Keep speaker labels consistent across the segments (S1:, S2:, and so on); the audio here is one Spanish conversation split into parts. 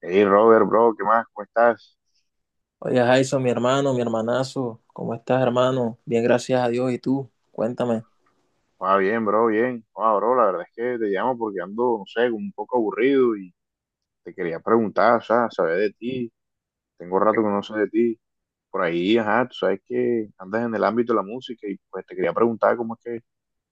S1: Hey Robert, bro, ¿qué más? ¿Cómo estás?
S2: Oye, Jason, mi hermano, mi hermanazo, ¿cómo estás, hermano? Bien, gracias a Dios. ¿Y tú? Cuéntame.
S1: Va bien, bro, bien. Ah, bro, la verdad es que te llamo porque ando, no sé, como un poco aburrido y te quería preguntar, o sea, saber de ti. Tengo rato que no sé de ti. Por ahí, ajá, tú sabes que andas en el ámbito de la música y pues te quería preguntar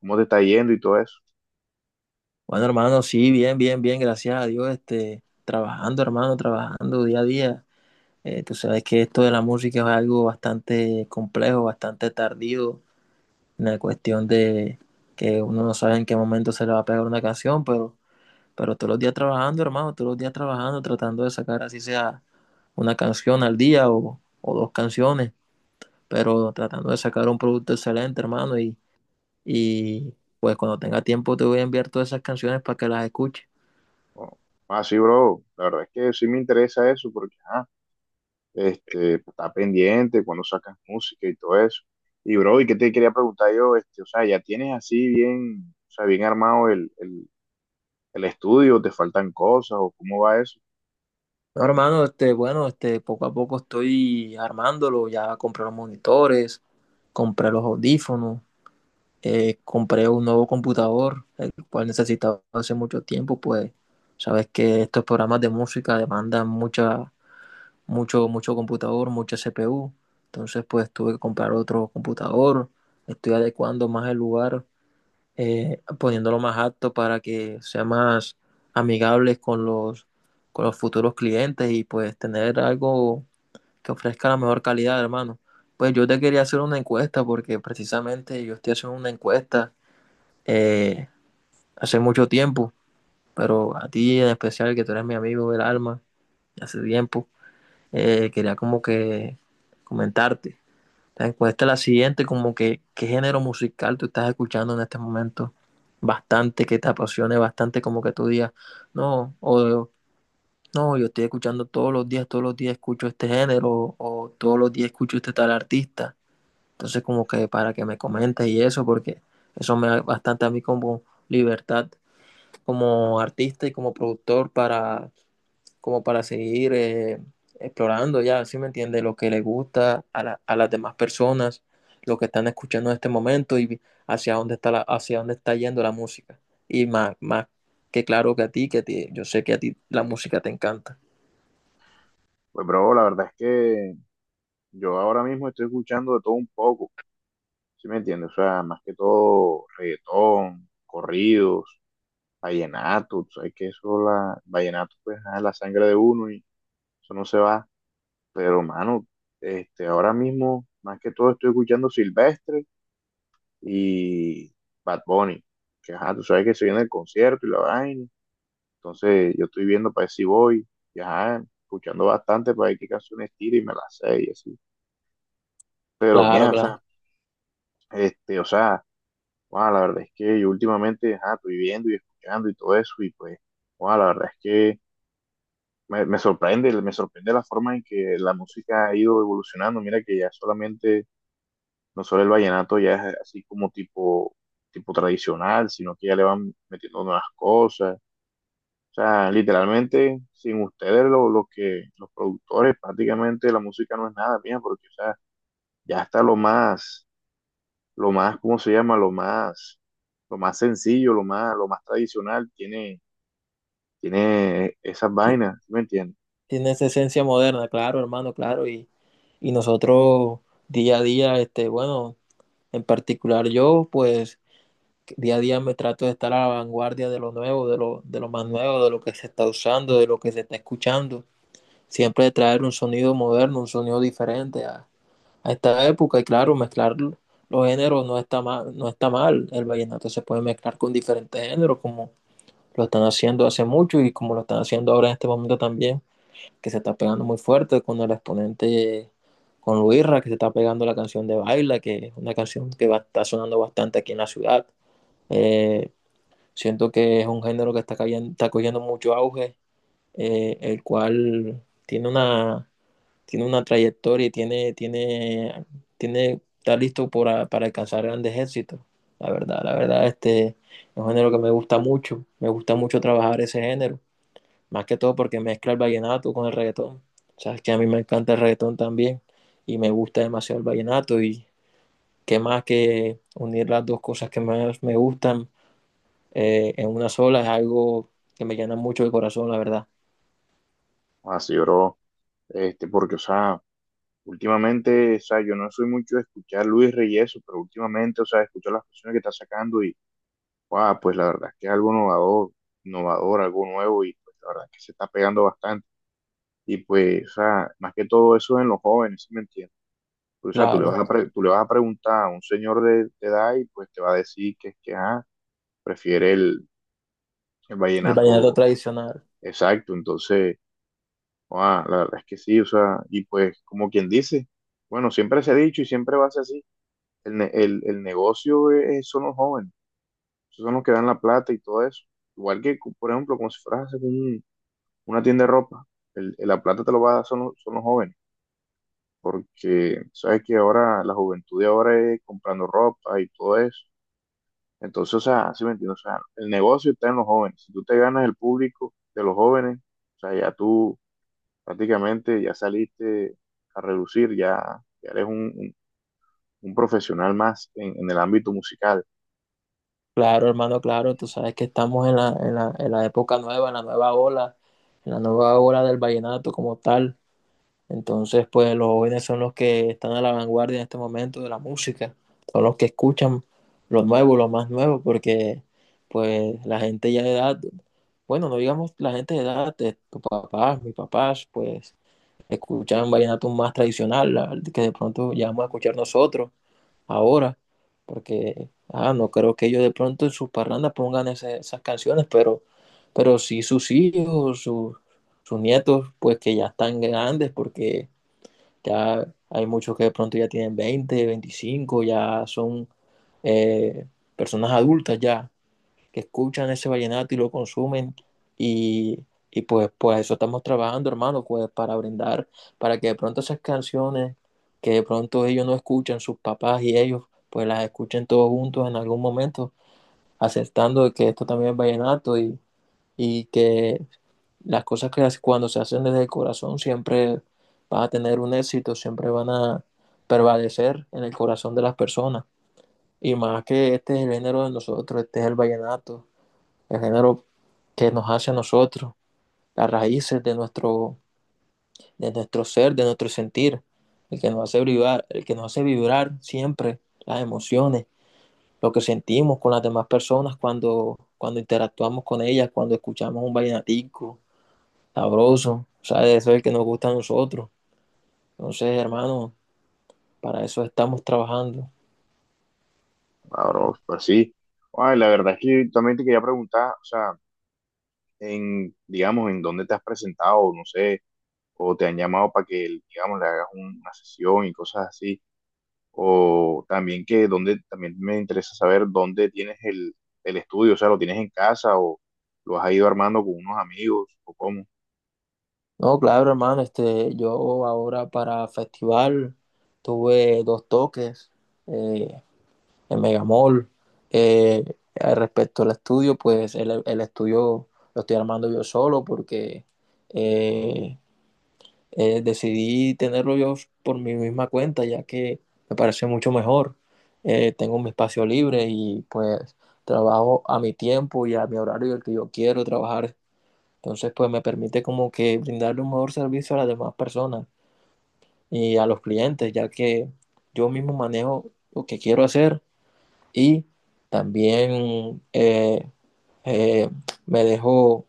S1: cómo te está yendo y todo eso.
S2: Bueno, hermano, sí, bien, bien, bien, gracias a Dios. Trabajando, hermano, trabajando día a día. Tú sabes que esto de la música es algo bastante complejo, bastante tardío, en la cuestión de que uno no sabe en qué momento se le va a pegar una canción, pero todos los días trabajando, hermano, todos los días trabajando, tratando de sacar así sea una canción al día o dos canciones, pero tratando de sacar un producto excelente, hermano, y pues cuando tenga tiempo te voy a enviar todas esas canciones para que las escuches.
S1: Bueno, ah, sí, bro, la verdad es que sí me interesa eso porque, ajá, este, pues, está pendiente cuando sacas música y todo eso. Y, bro, ¿y qué te quería preguntar yo? Este, o sea, ya tienes así bien, o sea, bien armado el estudio, te faltan cosas o cómo va eso.
S2: No, hermano, bueno, poco a poco estoy armándolo. Ya compré los monitores, compré los audífonos, compré un nuevo computador, el cual necesitaba hace mucho tiempo. Pues sabes que estos programas de música demandan mucho computador, mucha CPU. Entonces pues tuve que comprar otro computador. Estoy adecuando más el lugar, poniéndolo más apto para que sea más amigables con con los futuros clientes y pues tener algo que ofrezca la mejor calidad, hermano. Pues yo te quería hacer una encuesta porque precisamente yo estoy haciendo una encuesta eh, hace mucho tiempo, pero a ti en especial, que tú eres mi amigo del alma, hace tiempo. Quería como que comentarte. La encuesta es la siguiente, como que qué género musical tú estás escuchando en este momento. Bastante, que te apasione bastante, como que tú digas, no, o no, yo estoy escuchando todos los días escucho este género, o todos los días escucho este tal artista. Entonces, como que para que me comentes y eso, porque eso me da bastante a mí como libertad como artista y como productor, para como para seguir explorando ya, ¿sí me entiende? Lo que le gusta a, a las demás personas, lo que están escuchando en este momento y hacia dónde está, hacia dónde está yendo la música. Y más, más que claro que a ti, yo sé que a ti la música te encanta.
S1: Pues, bro, la verdad es que yo ahora mismo estoy escuchando de todo un poco, ¿sí me entiendes? O sea, más que todo reggaetón, corridos, vallenato, tú sabes que eso, vallenato, pues, ah, es la sangre de uno y eso no se va. Pero, mano, este, ahora mismo, más que todo, estoy escuchando Silvestre y Bad Bunny, que, ajá, tú sabes que se viene el concierto y la vaina. Entonces yo estoy viendo para ver si voy, y, ajá, escuchando bastante para ver qué canciones tira y me las sé y así. Pero
S2: Claro,
S1: mira, o sea,
S2: claro.
S1: este, o sea, guau, la verdad es que yo últimamente, ajá, estoy viendo y escuchando y todo eso y pues, guau, la verdad es que me sorprende la forma en que la música ha ido evolucionando. Mira que ya solamente, no solo el vallenato ya es así como tipo tradicional, sino que ya le van metiendo nuevas cosas. O sea, literalmente, sin ustedes, los productores, prácticamente la música no es nada mía, porque o sea, ya está lo más, ¿cómo se llama? Lo más sencillo, lo más tradicional, tiene esas
S2: Y
S1: vainas, ¿me entiendes?
S2: tiene esa esencia moderna, claro, hermano, claro. Y y nosotros día a día, este, bueno, en particular yo, pues día a día me trato de estar a la vanguardia de lo nuevo, de lo más nuevo, de lo que se está usando, de lo que se está escuchando. Siempre de traer un sonido moderno, un sonido diferente a esta época. Y claro, mezclar los géneros no está mal, no está mal. El vallenato se puede mezclar con diferentes géneros, como lo están haciendo hace mucho y como lo están haciendo ahora en este momento también, que se está pegando muy fuerte con el exponente, con Luisra, que se está pegando la canción de Baila, que es una canción que va, está sonando bastante aquí en la ciudad. Eh, Siento que es un género que está, está cogiendo mucho auge, el cual tiene una trayectoria y tiene, está listo para alcanzar grandes éxitos. La verdad, este es un género que me gusta mucho. Me gusta mucho trabajar ese género, más que todo porque mezcla el vallenato con el reggaetón. Sabes que a mí me encanta el reggaetón también y me gusta demasiado el vallenato y qué más que unir las dos cosas que más me gustan en una sola es algo que me llena mucho el corazón, la verdad.
S1: Así lloró, este, porque, o sea, últimamente, o sea, yo no soy mucho de escuchar Luis Reyes, pero últimamente, o sea, escucho las canciones que está sacando y, wow, pues la verdad es que es algo innovador, innovador, algo nuevo y pues la verdad es que se está pegando bastante. Y pues, o sea, más que todo eso en los jóvenes, ¿sí me entiendes? Pues, o sea,
S2: Claro,
S1: tú le vas a preguntar a un señor de edad y pues te va a decir que es que, ah, prefiere el
S2: el vallenato
S1: vallenato,
S2: tradicional.
S1: exacto. Entonces, ah, la verdad es que sí, o sea, y pues como quien dice, bueno, siempre se ha dicho y siempre va a ser así, el negocio son los jóvenes, esos son los que dan la plata y todo eso. Igual que, por ejemplo, como si fueras a hacer una tienda de ropa, la plata te lo va a dar son los jóvenes. Porque sabes que ahora la juventud de ahora es comprando ropa y todo eso. Entonces, o sea, sí me entiendes, o sea, el negocio está en los jóvenes. Si tú te ganas el público de los jóvenes, o sea, ya tú prácticamente ya saliste a relucir, ya, ya eres un profesional más en el ámbito musical.
S2: Claro, hermano, claro, tú sabes que estamos en en la época nueva, en la nueva ola, en la nueva ola del vallenato como tal. Entonces, pues los jóvenes son los que están a la vanguardia en este momento de la música, son los que escuchan lo nuevo, lo más nuevo, porque pues la gente ya de edad, bueno, no digamos la gente de edad, de tus papás, mis papás, pues escuchan vallenato más tradicional, el que de pronto ya vamos a escuchar nosotros ahora, porque ah, no creo que ellos de pronto en sus parrandas pongan esas canciones, pero sí sus hijos, sus nietos, pues que ya están grandes, porque ya hay muchos que de pronto ya tienen 20 25 ya son eh, personas adultas ya que escuchan ese vallenato y lo consumen y, y pues, pues eso estamos trabajando, hermano, pues para brindar, para que de pronto esas canciones que de pronto ellos no escuchan, sus papás y ellos, pues las escuchen todos juntos en algún momento, aceptando que esto también es vallenato y que las cosas que cuando se hacen desde el corazón siempre van a tener un éxito, siempre van a prevalecer en el corazón de las personas. Y más que este es el género de nosotros, este es el vallenato, el género que nos hace a nosotros, las raíces de nuestro ser, de nuestro sentir, el que nos hace vibrar, el que nos hace vibrar siempre, las emociones, lo que sentimos con las demás personas cuando interactuamos con ellas, cuando escuchamos un vallenatico sabroso, ¿sabes? Eso es el que nos gusta a nosotros. Entonces, hermano, para eso estamos trabajando.
S1: Ahora, pues sí. Ay, la verdad es que también te quería preguntar, o sea, en, digamos, en dónde te has presentado, no sé, o te han llamado para que, digamos, le hagas una sesión y cosas así. O también que dónde, también me interesa saber dónde tienes el estudio, o sea, lo tienes en casa o lo has ido armando con unos amigos o cómo.
S2: No, claro, hermano, yo ahora para festival tuve dos toques. Eh, en Megamall. Eh, Respecto al estudio, pues estudio lo estoy armando yo solo porque eh, decidí tenerlo yo por mi misma cuenta, ya que me parece mucho mejor. Tengo mi espacio libre y pues trabajo a mi tiempo y a mi horario el que yo quiero trabajar. Entonces, pues me permite como que brindarle un mejor servicio a las demás personas y a los clientes, ya que yo mismo manejo lo que quiero hacer y también eh, me dejó...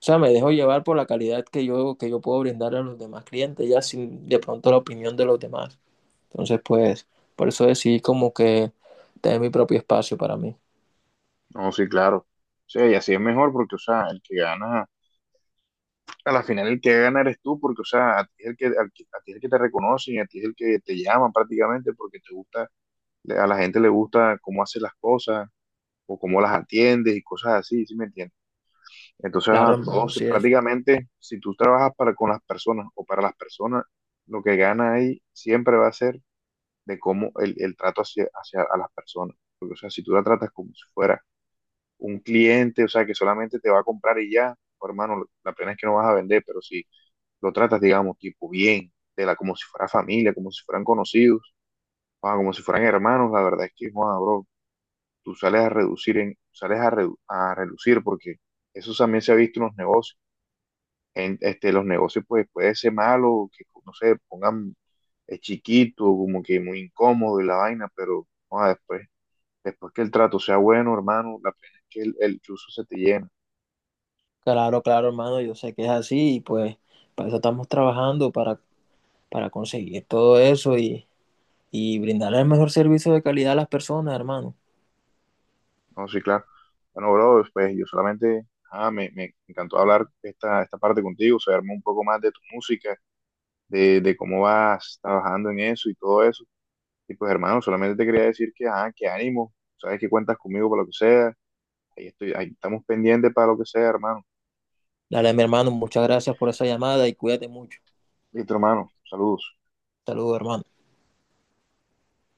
S2: O sea, me dejo llevar por la calidad que que yo puedo brindar a los demás clientes, ya sin de pronto la opinión de los demás. Entonces, pues, por eso decidí como que tener mi propio espacio para mí.
S1: No, sí, claro. O sea, y así es mejor porque, o sea, el que gana, a la final el que gana eres tú porque, o sea, a ti es el que, al que- a ti es el que te reconocen, a ti es el que te llaman prácticamente porque te gusta, a la gente le gusta cómo haces las cosas o cómo las atiendes y cosas así, ¿sí me entiendes? Entonces,
S2: Claro,
S1: a
S2: hermano,
S1: todos
S2: sí es.
S1: prácticamente, si tú trabajas para con las personas o para las personas, lo que gana ahí siempre va a ser de cómo el trato hacia a las personas. Porque, o sea, si tú la tratas como si fuera un cliente, o sea, que solamente te va a comprar y ya, oh, hermano, la pena es que no vas a vender, pero si lo tratas, digamos, tipo bien, como si fuera familia, como si fueran conocidos, ah, como si fueran hermanos, la verdad es que, joda, bro, tú sales a reducir, en, sales a, redu- a reducir porque eso también se ha visto en los negocios este, los negocios pues puede ser malo, que no sé, pongan chiquito, como que muy incómodo y la vaina, pero joda, después, después que el trato sea bueno, hermano, la pena es que el chuzo se te llena.
S2: Claro, claro, hermano, yo sé que es así y pues para eso estamos trabajando, para conseguir todo eso y brindar el mejor servicio de calidad a las personas, hermano.
S1: No, sí, claro. Bueno, bro, pues yo solamente, ah, me encantó hablar esta parte contigo, saberme un poco más de tu música, de cómo vas trabajando en eso y todo eso. Y pues hermano, solamente te quería decir que, ah, que ánimo, sabes que cuentas conmigo para lo que sea, ahí estoy, ahí estamos pendientes para lo que sea, hermano.
S2: Dale, mi hermano, muchas gracias por esa llamada y cuídate mucho.
S1: Listo, hermano. Saludos.
S2: Saludos, hermano.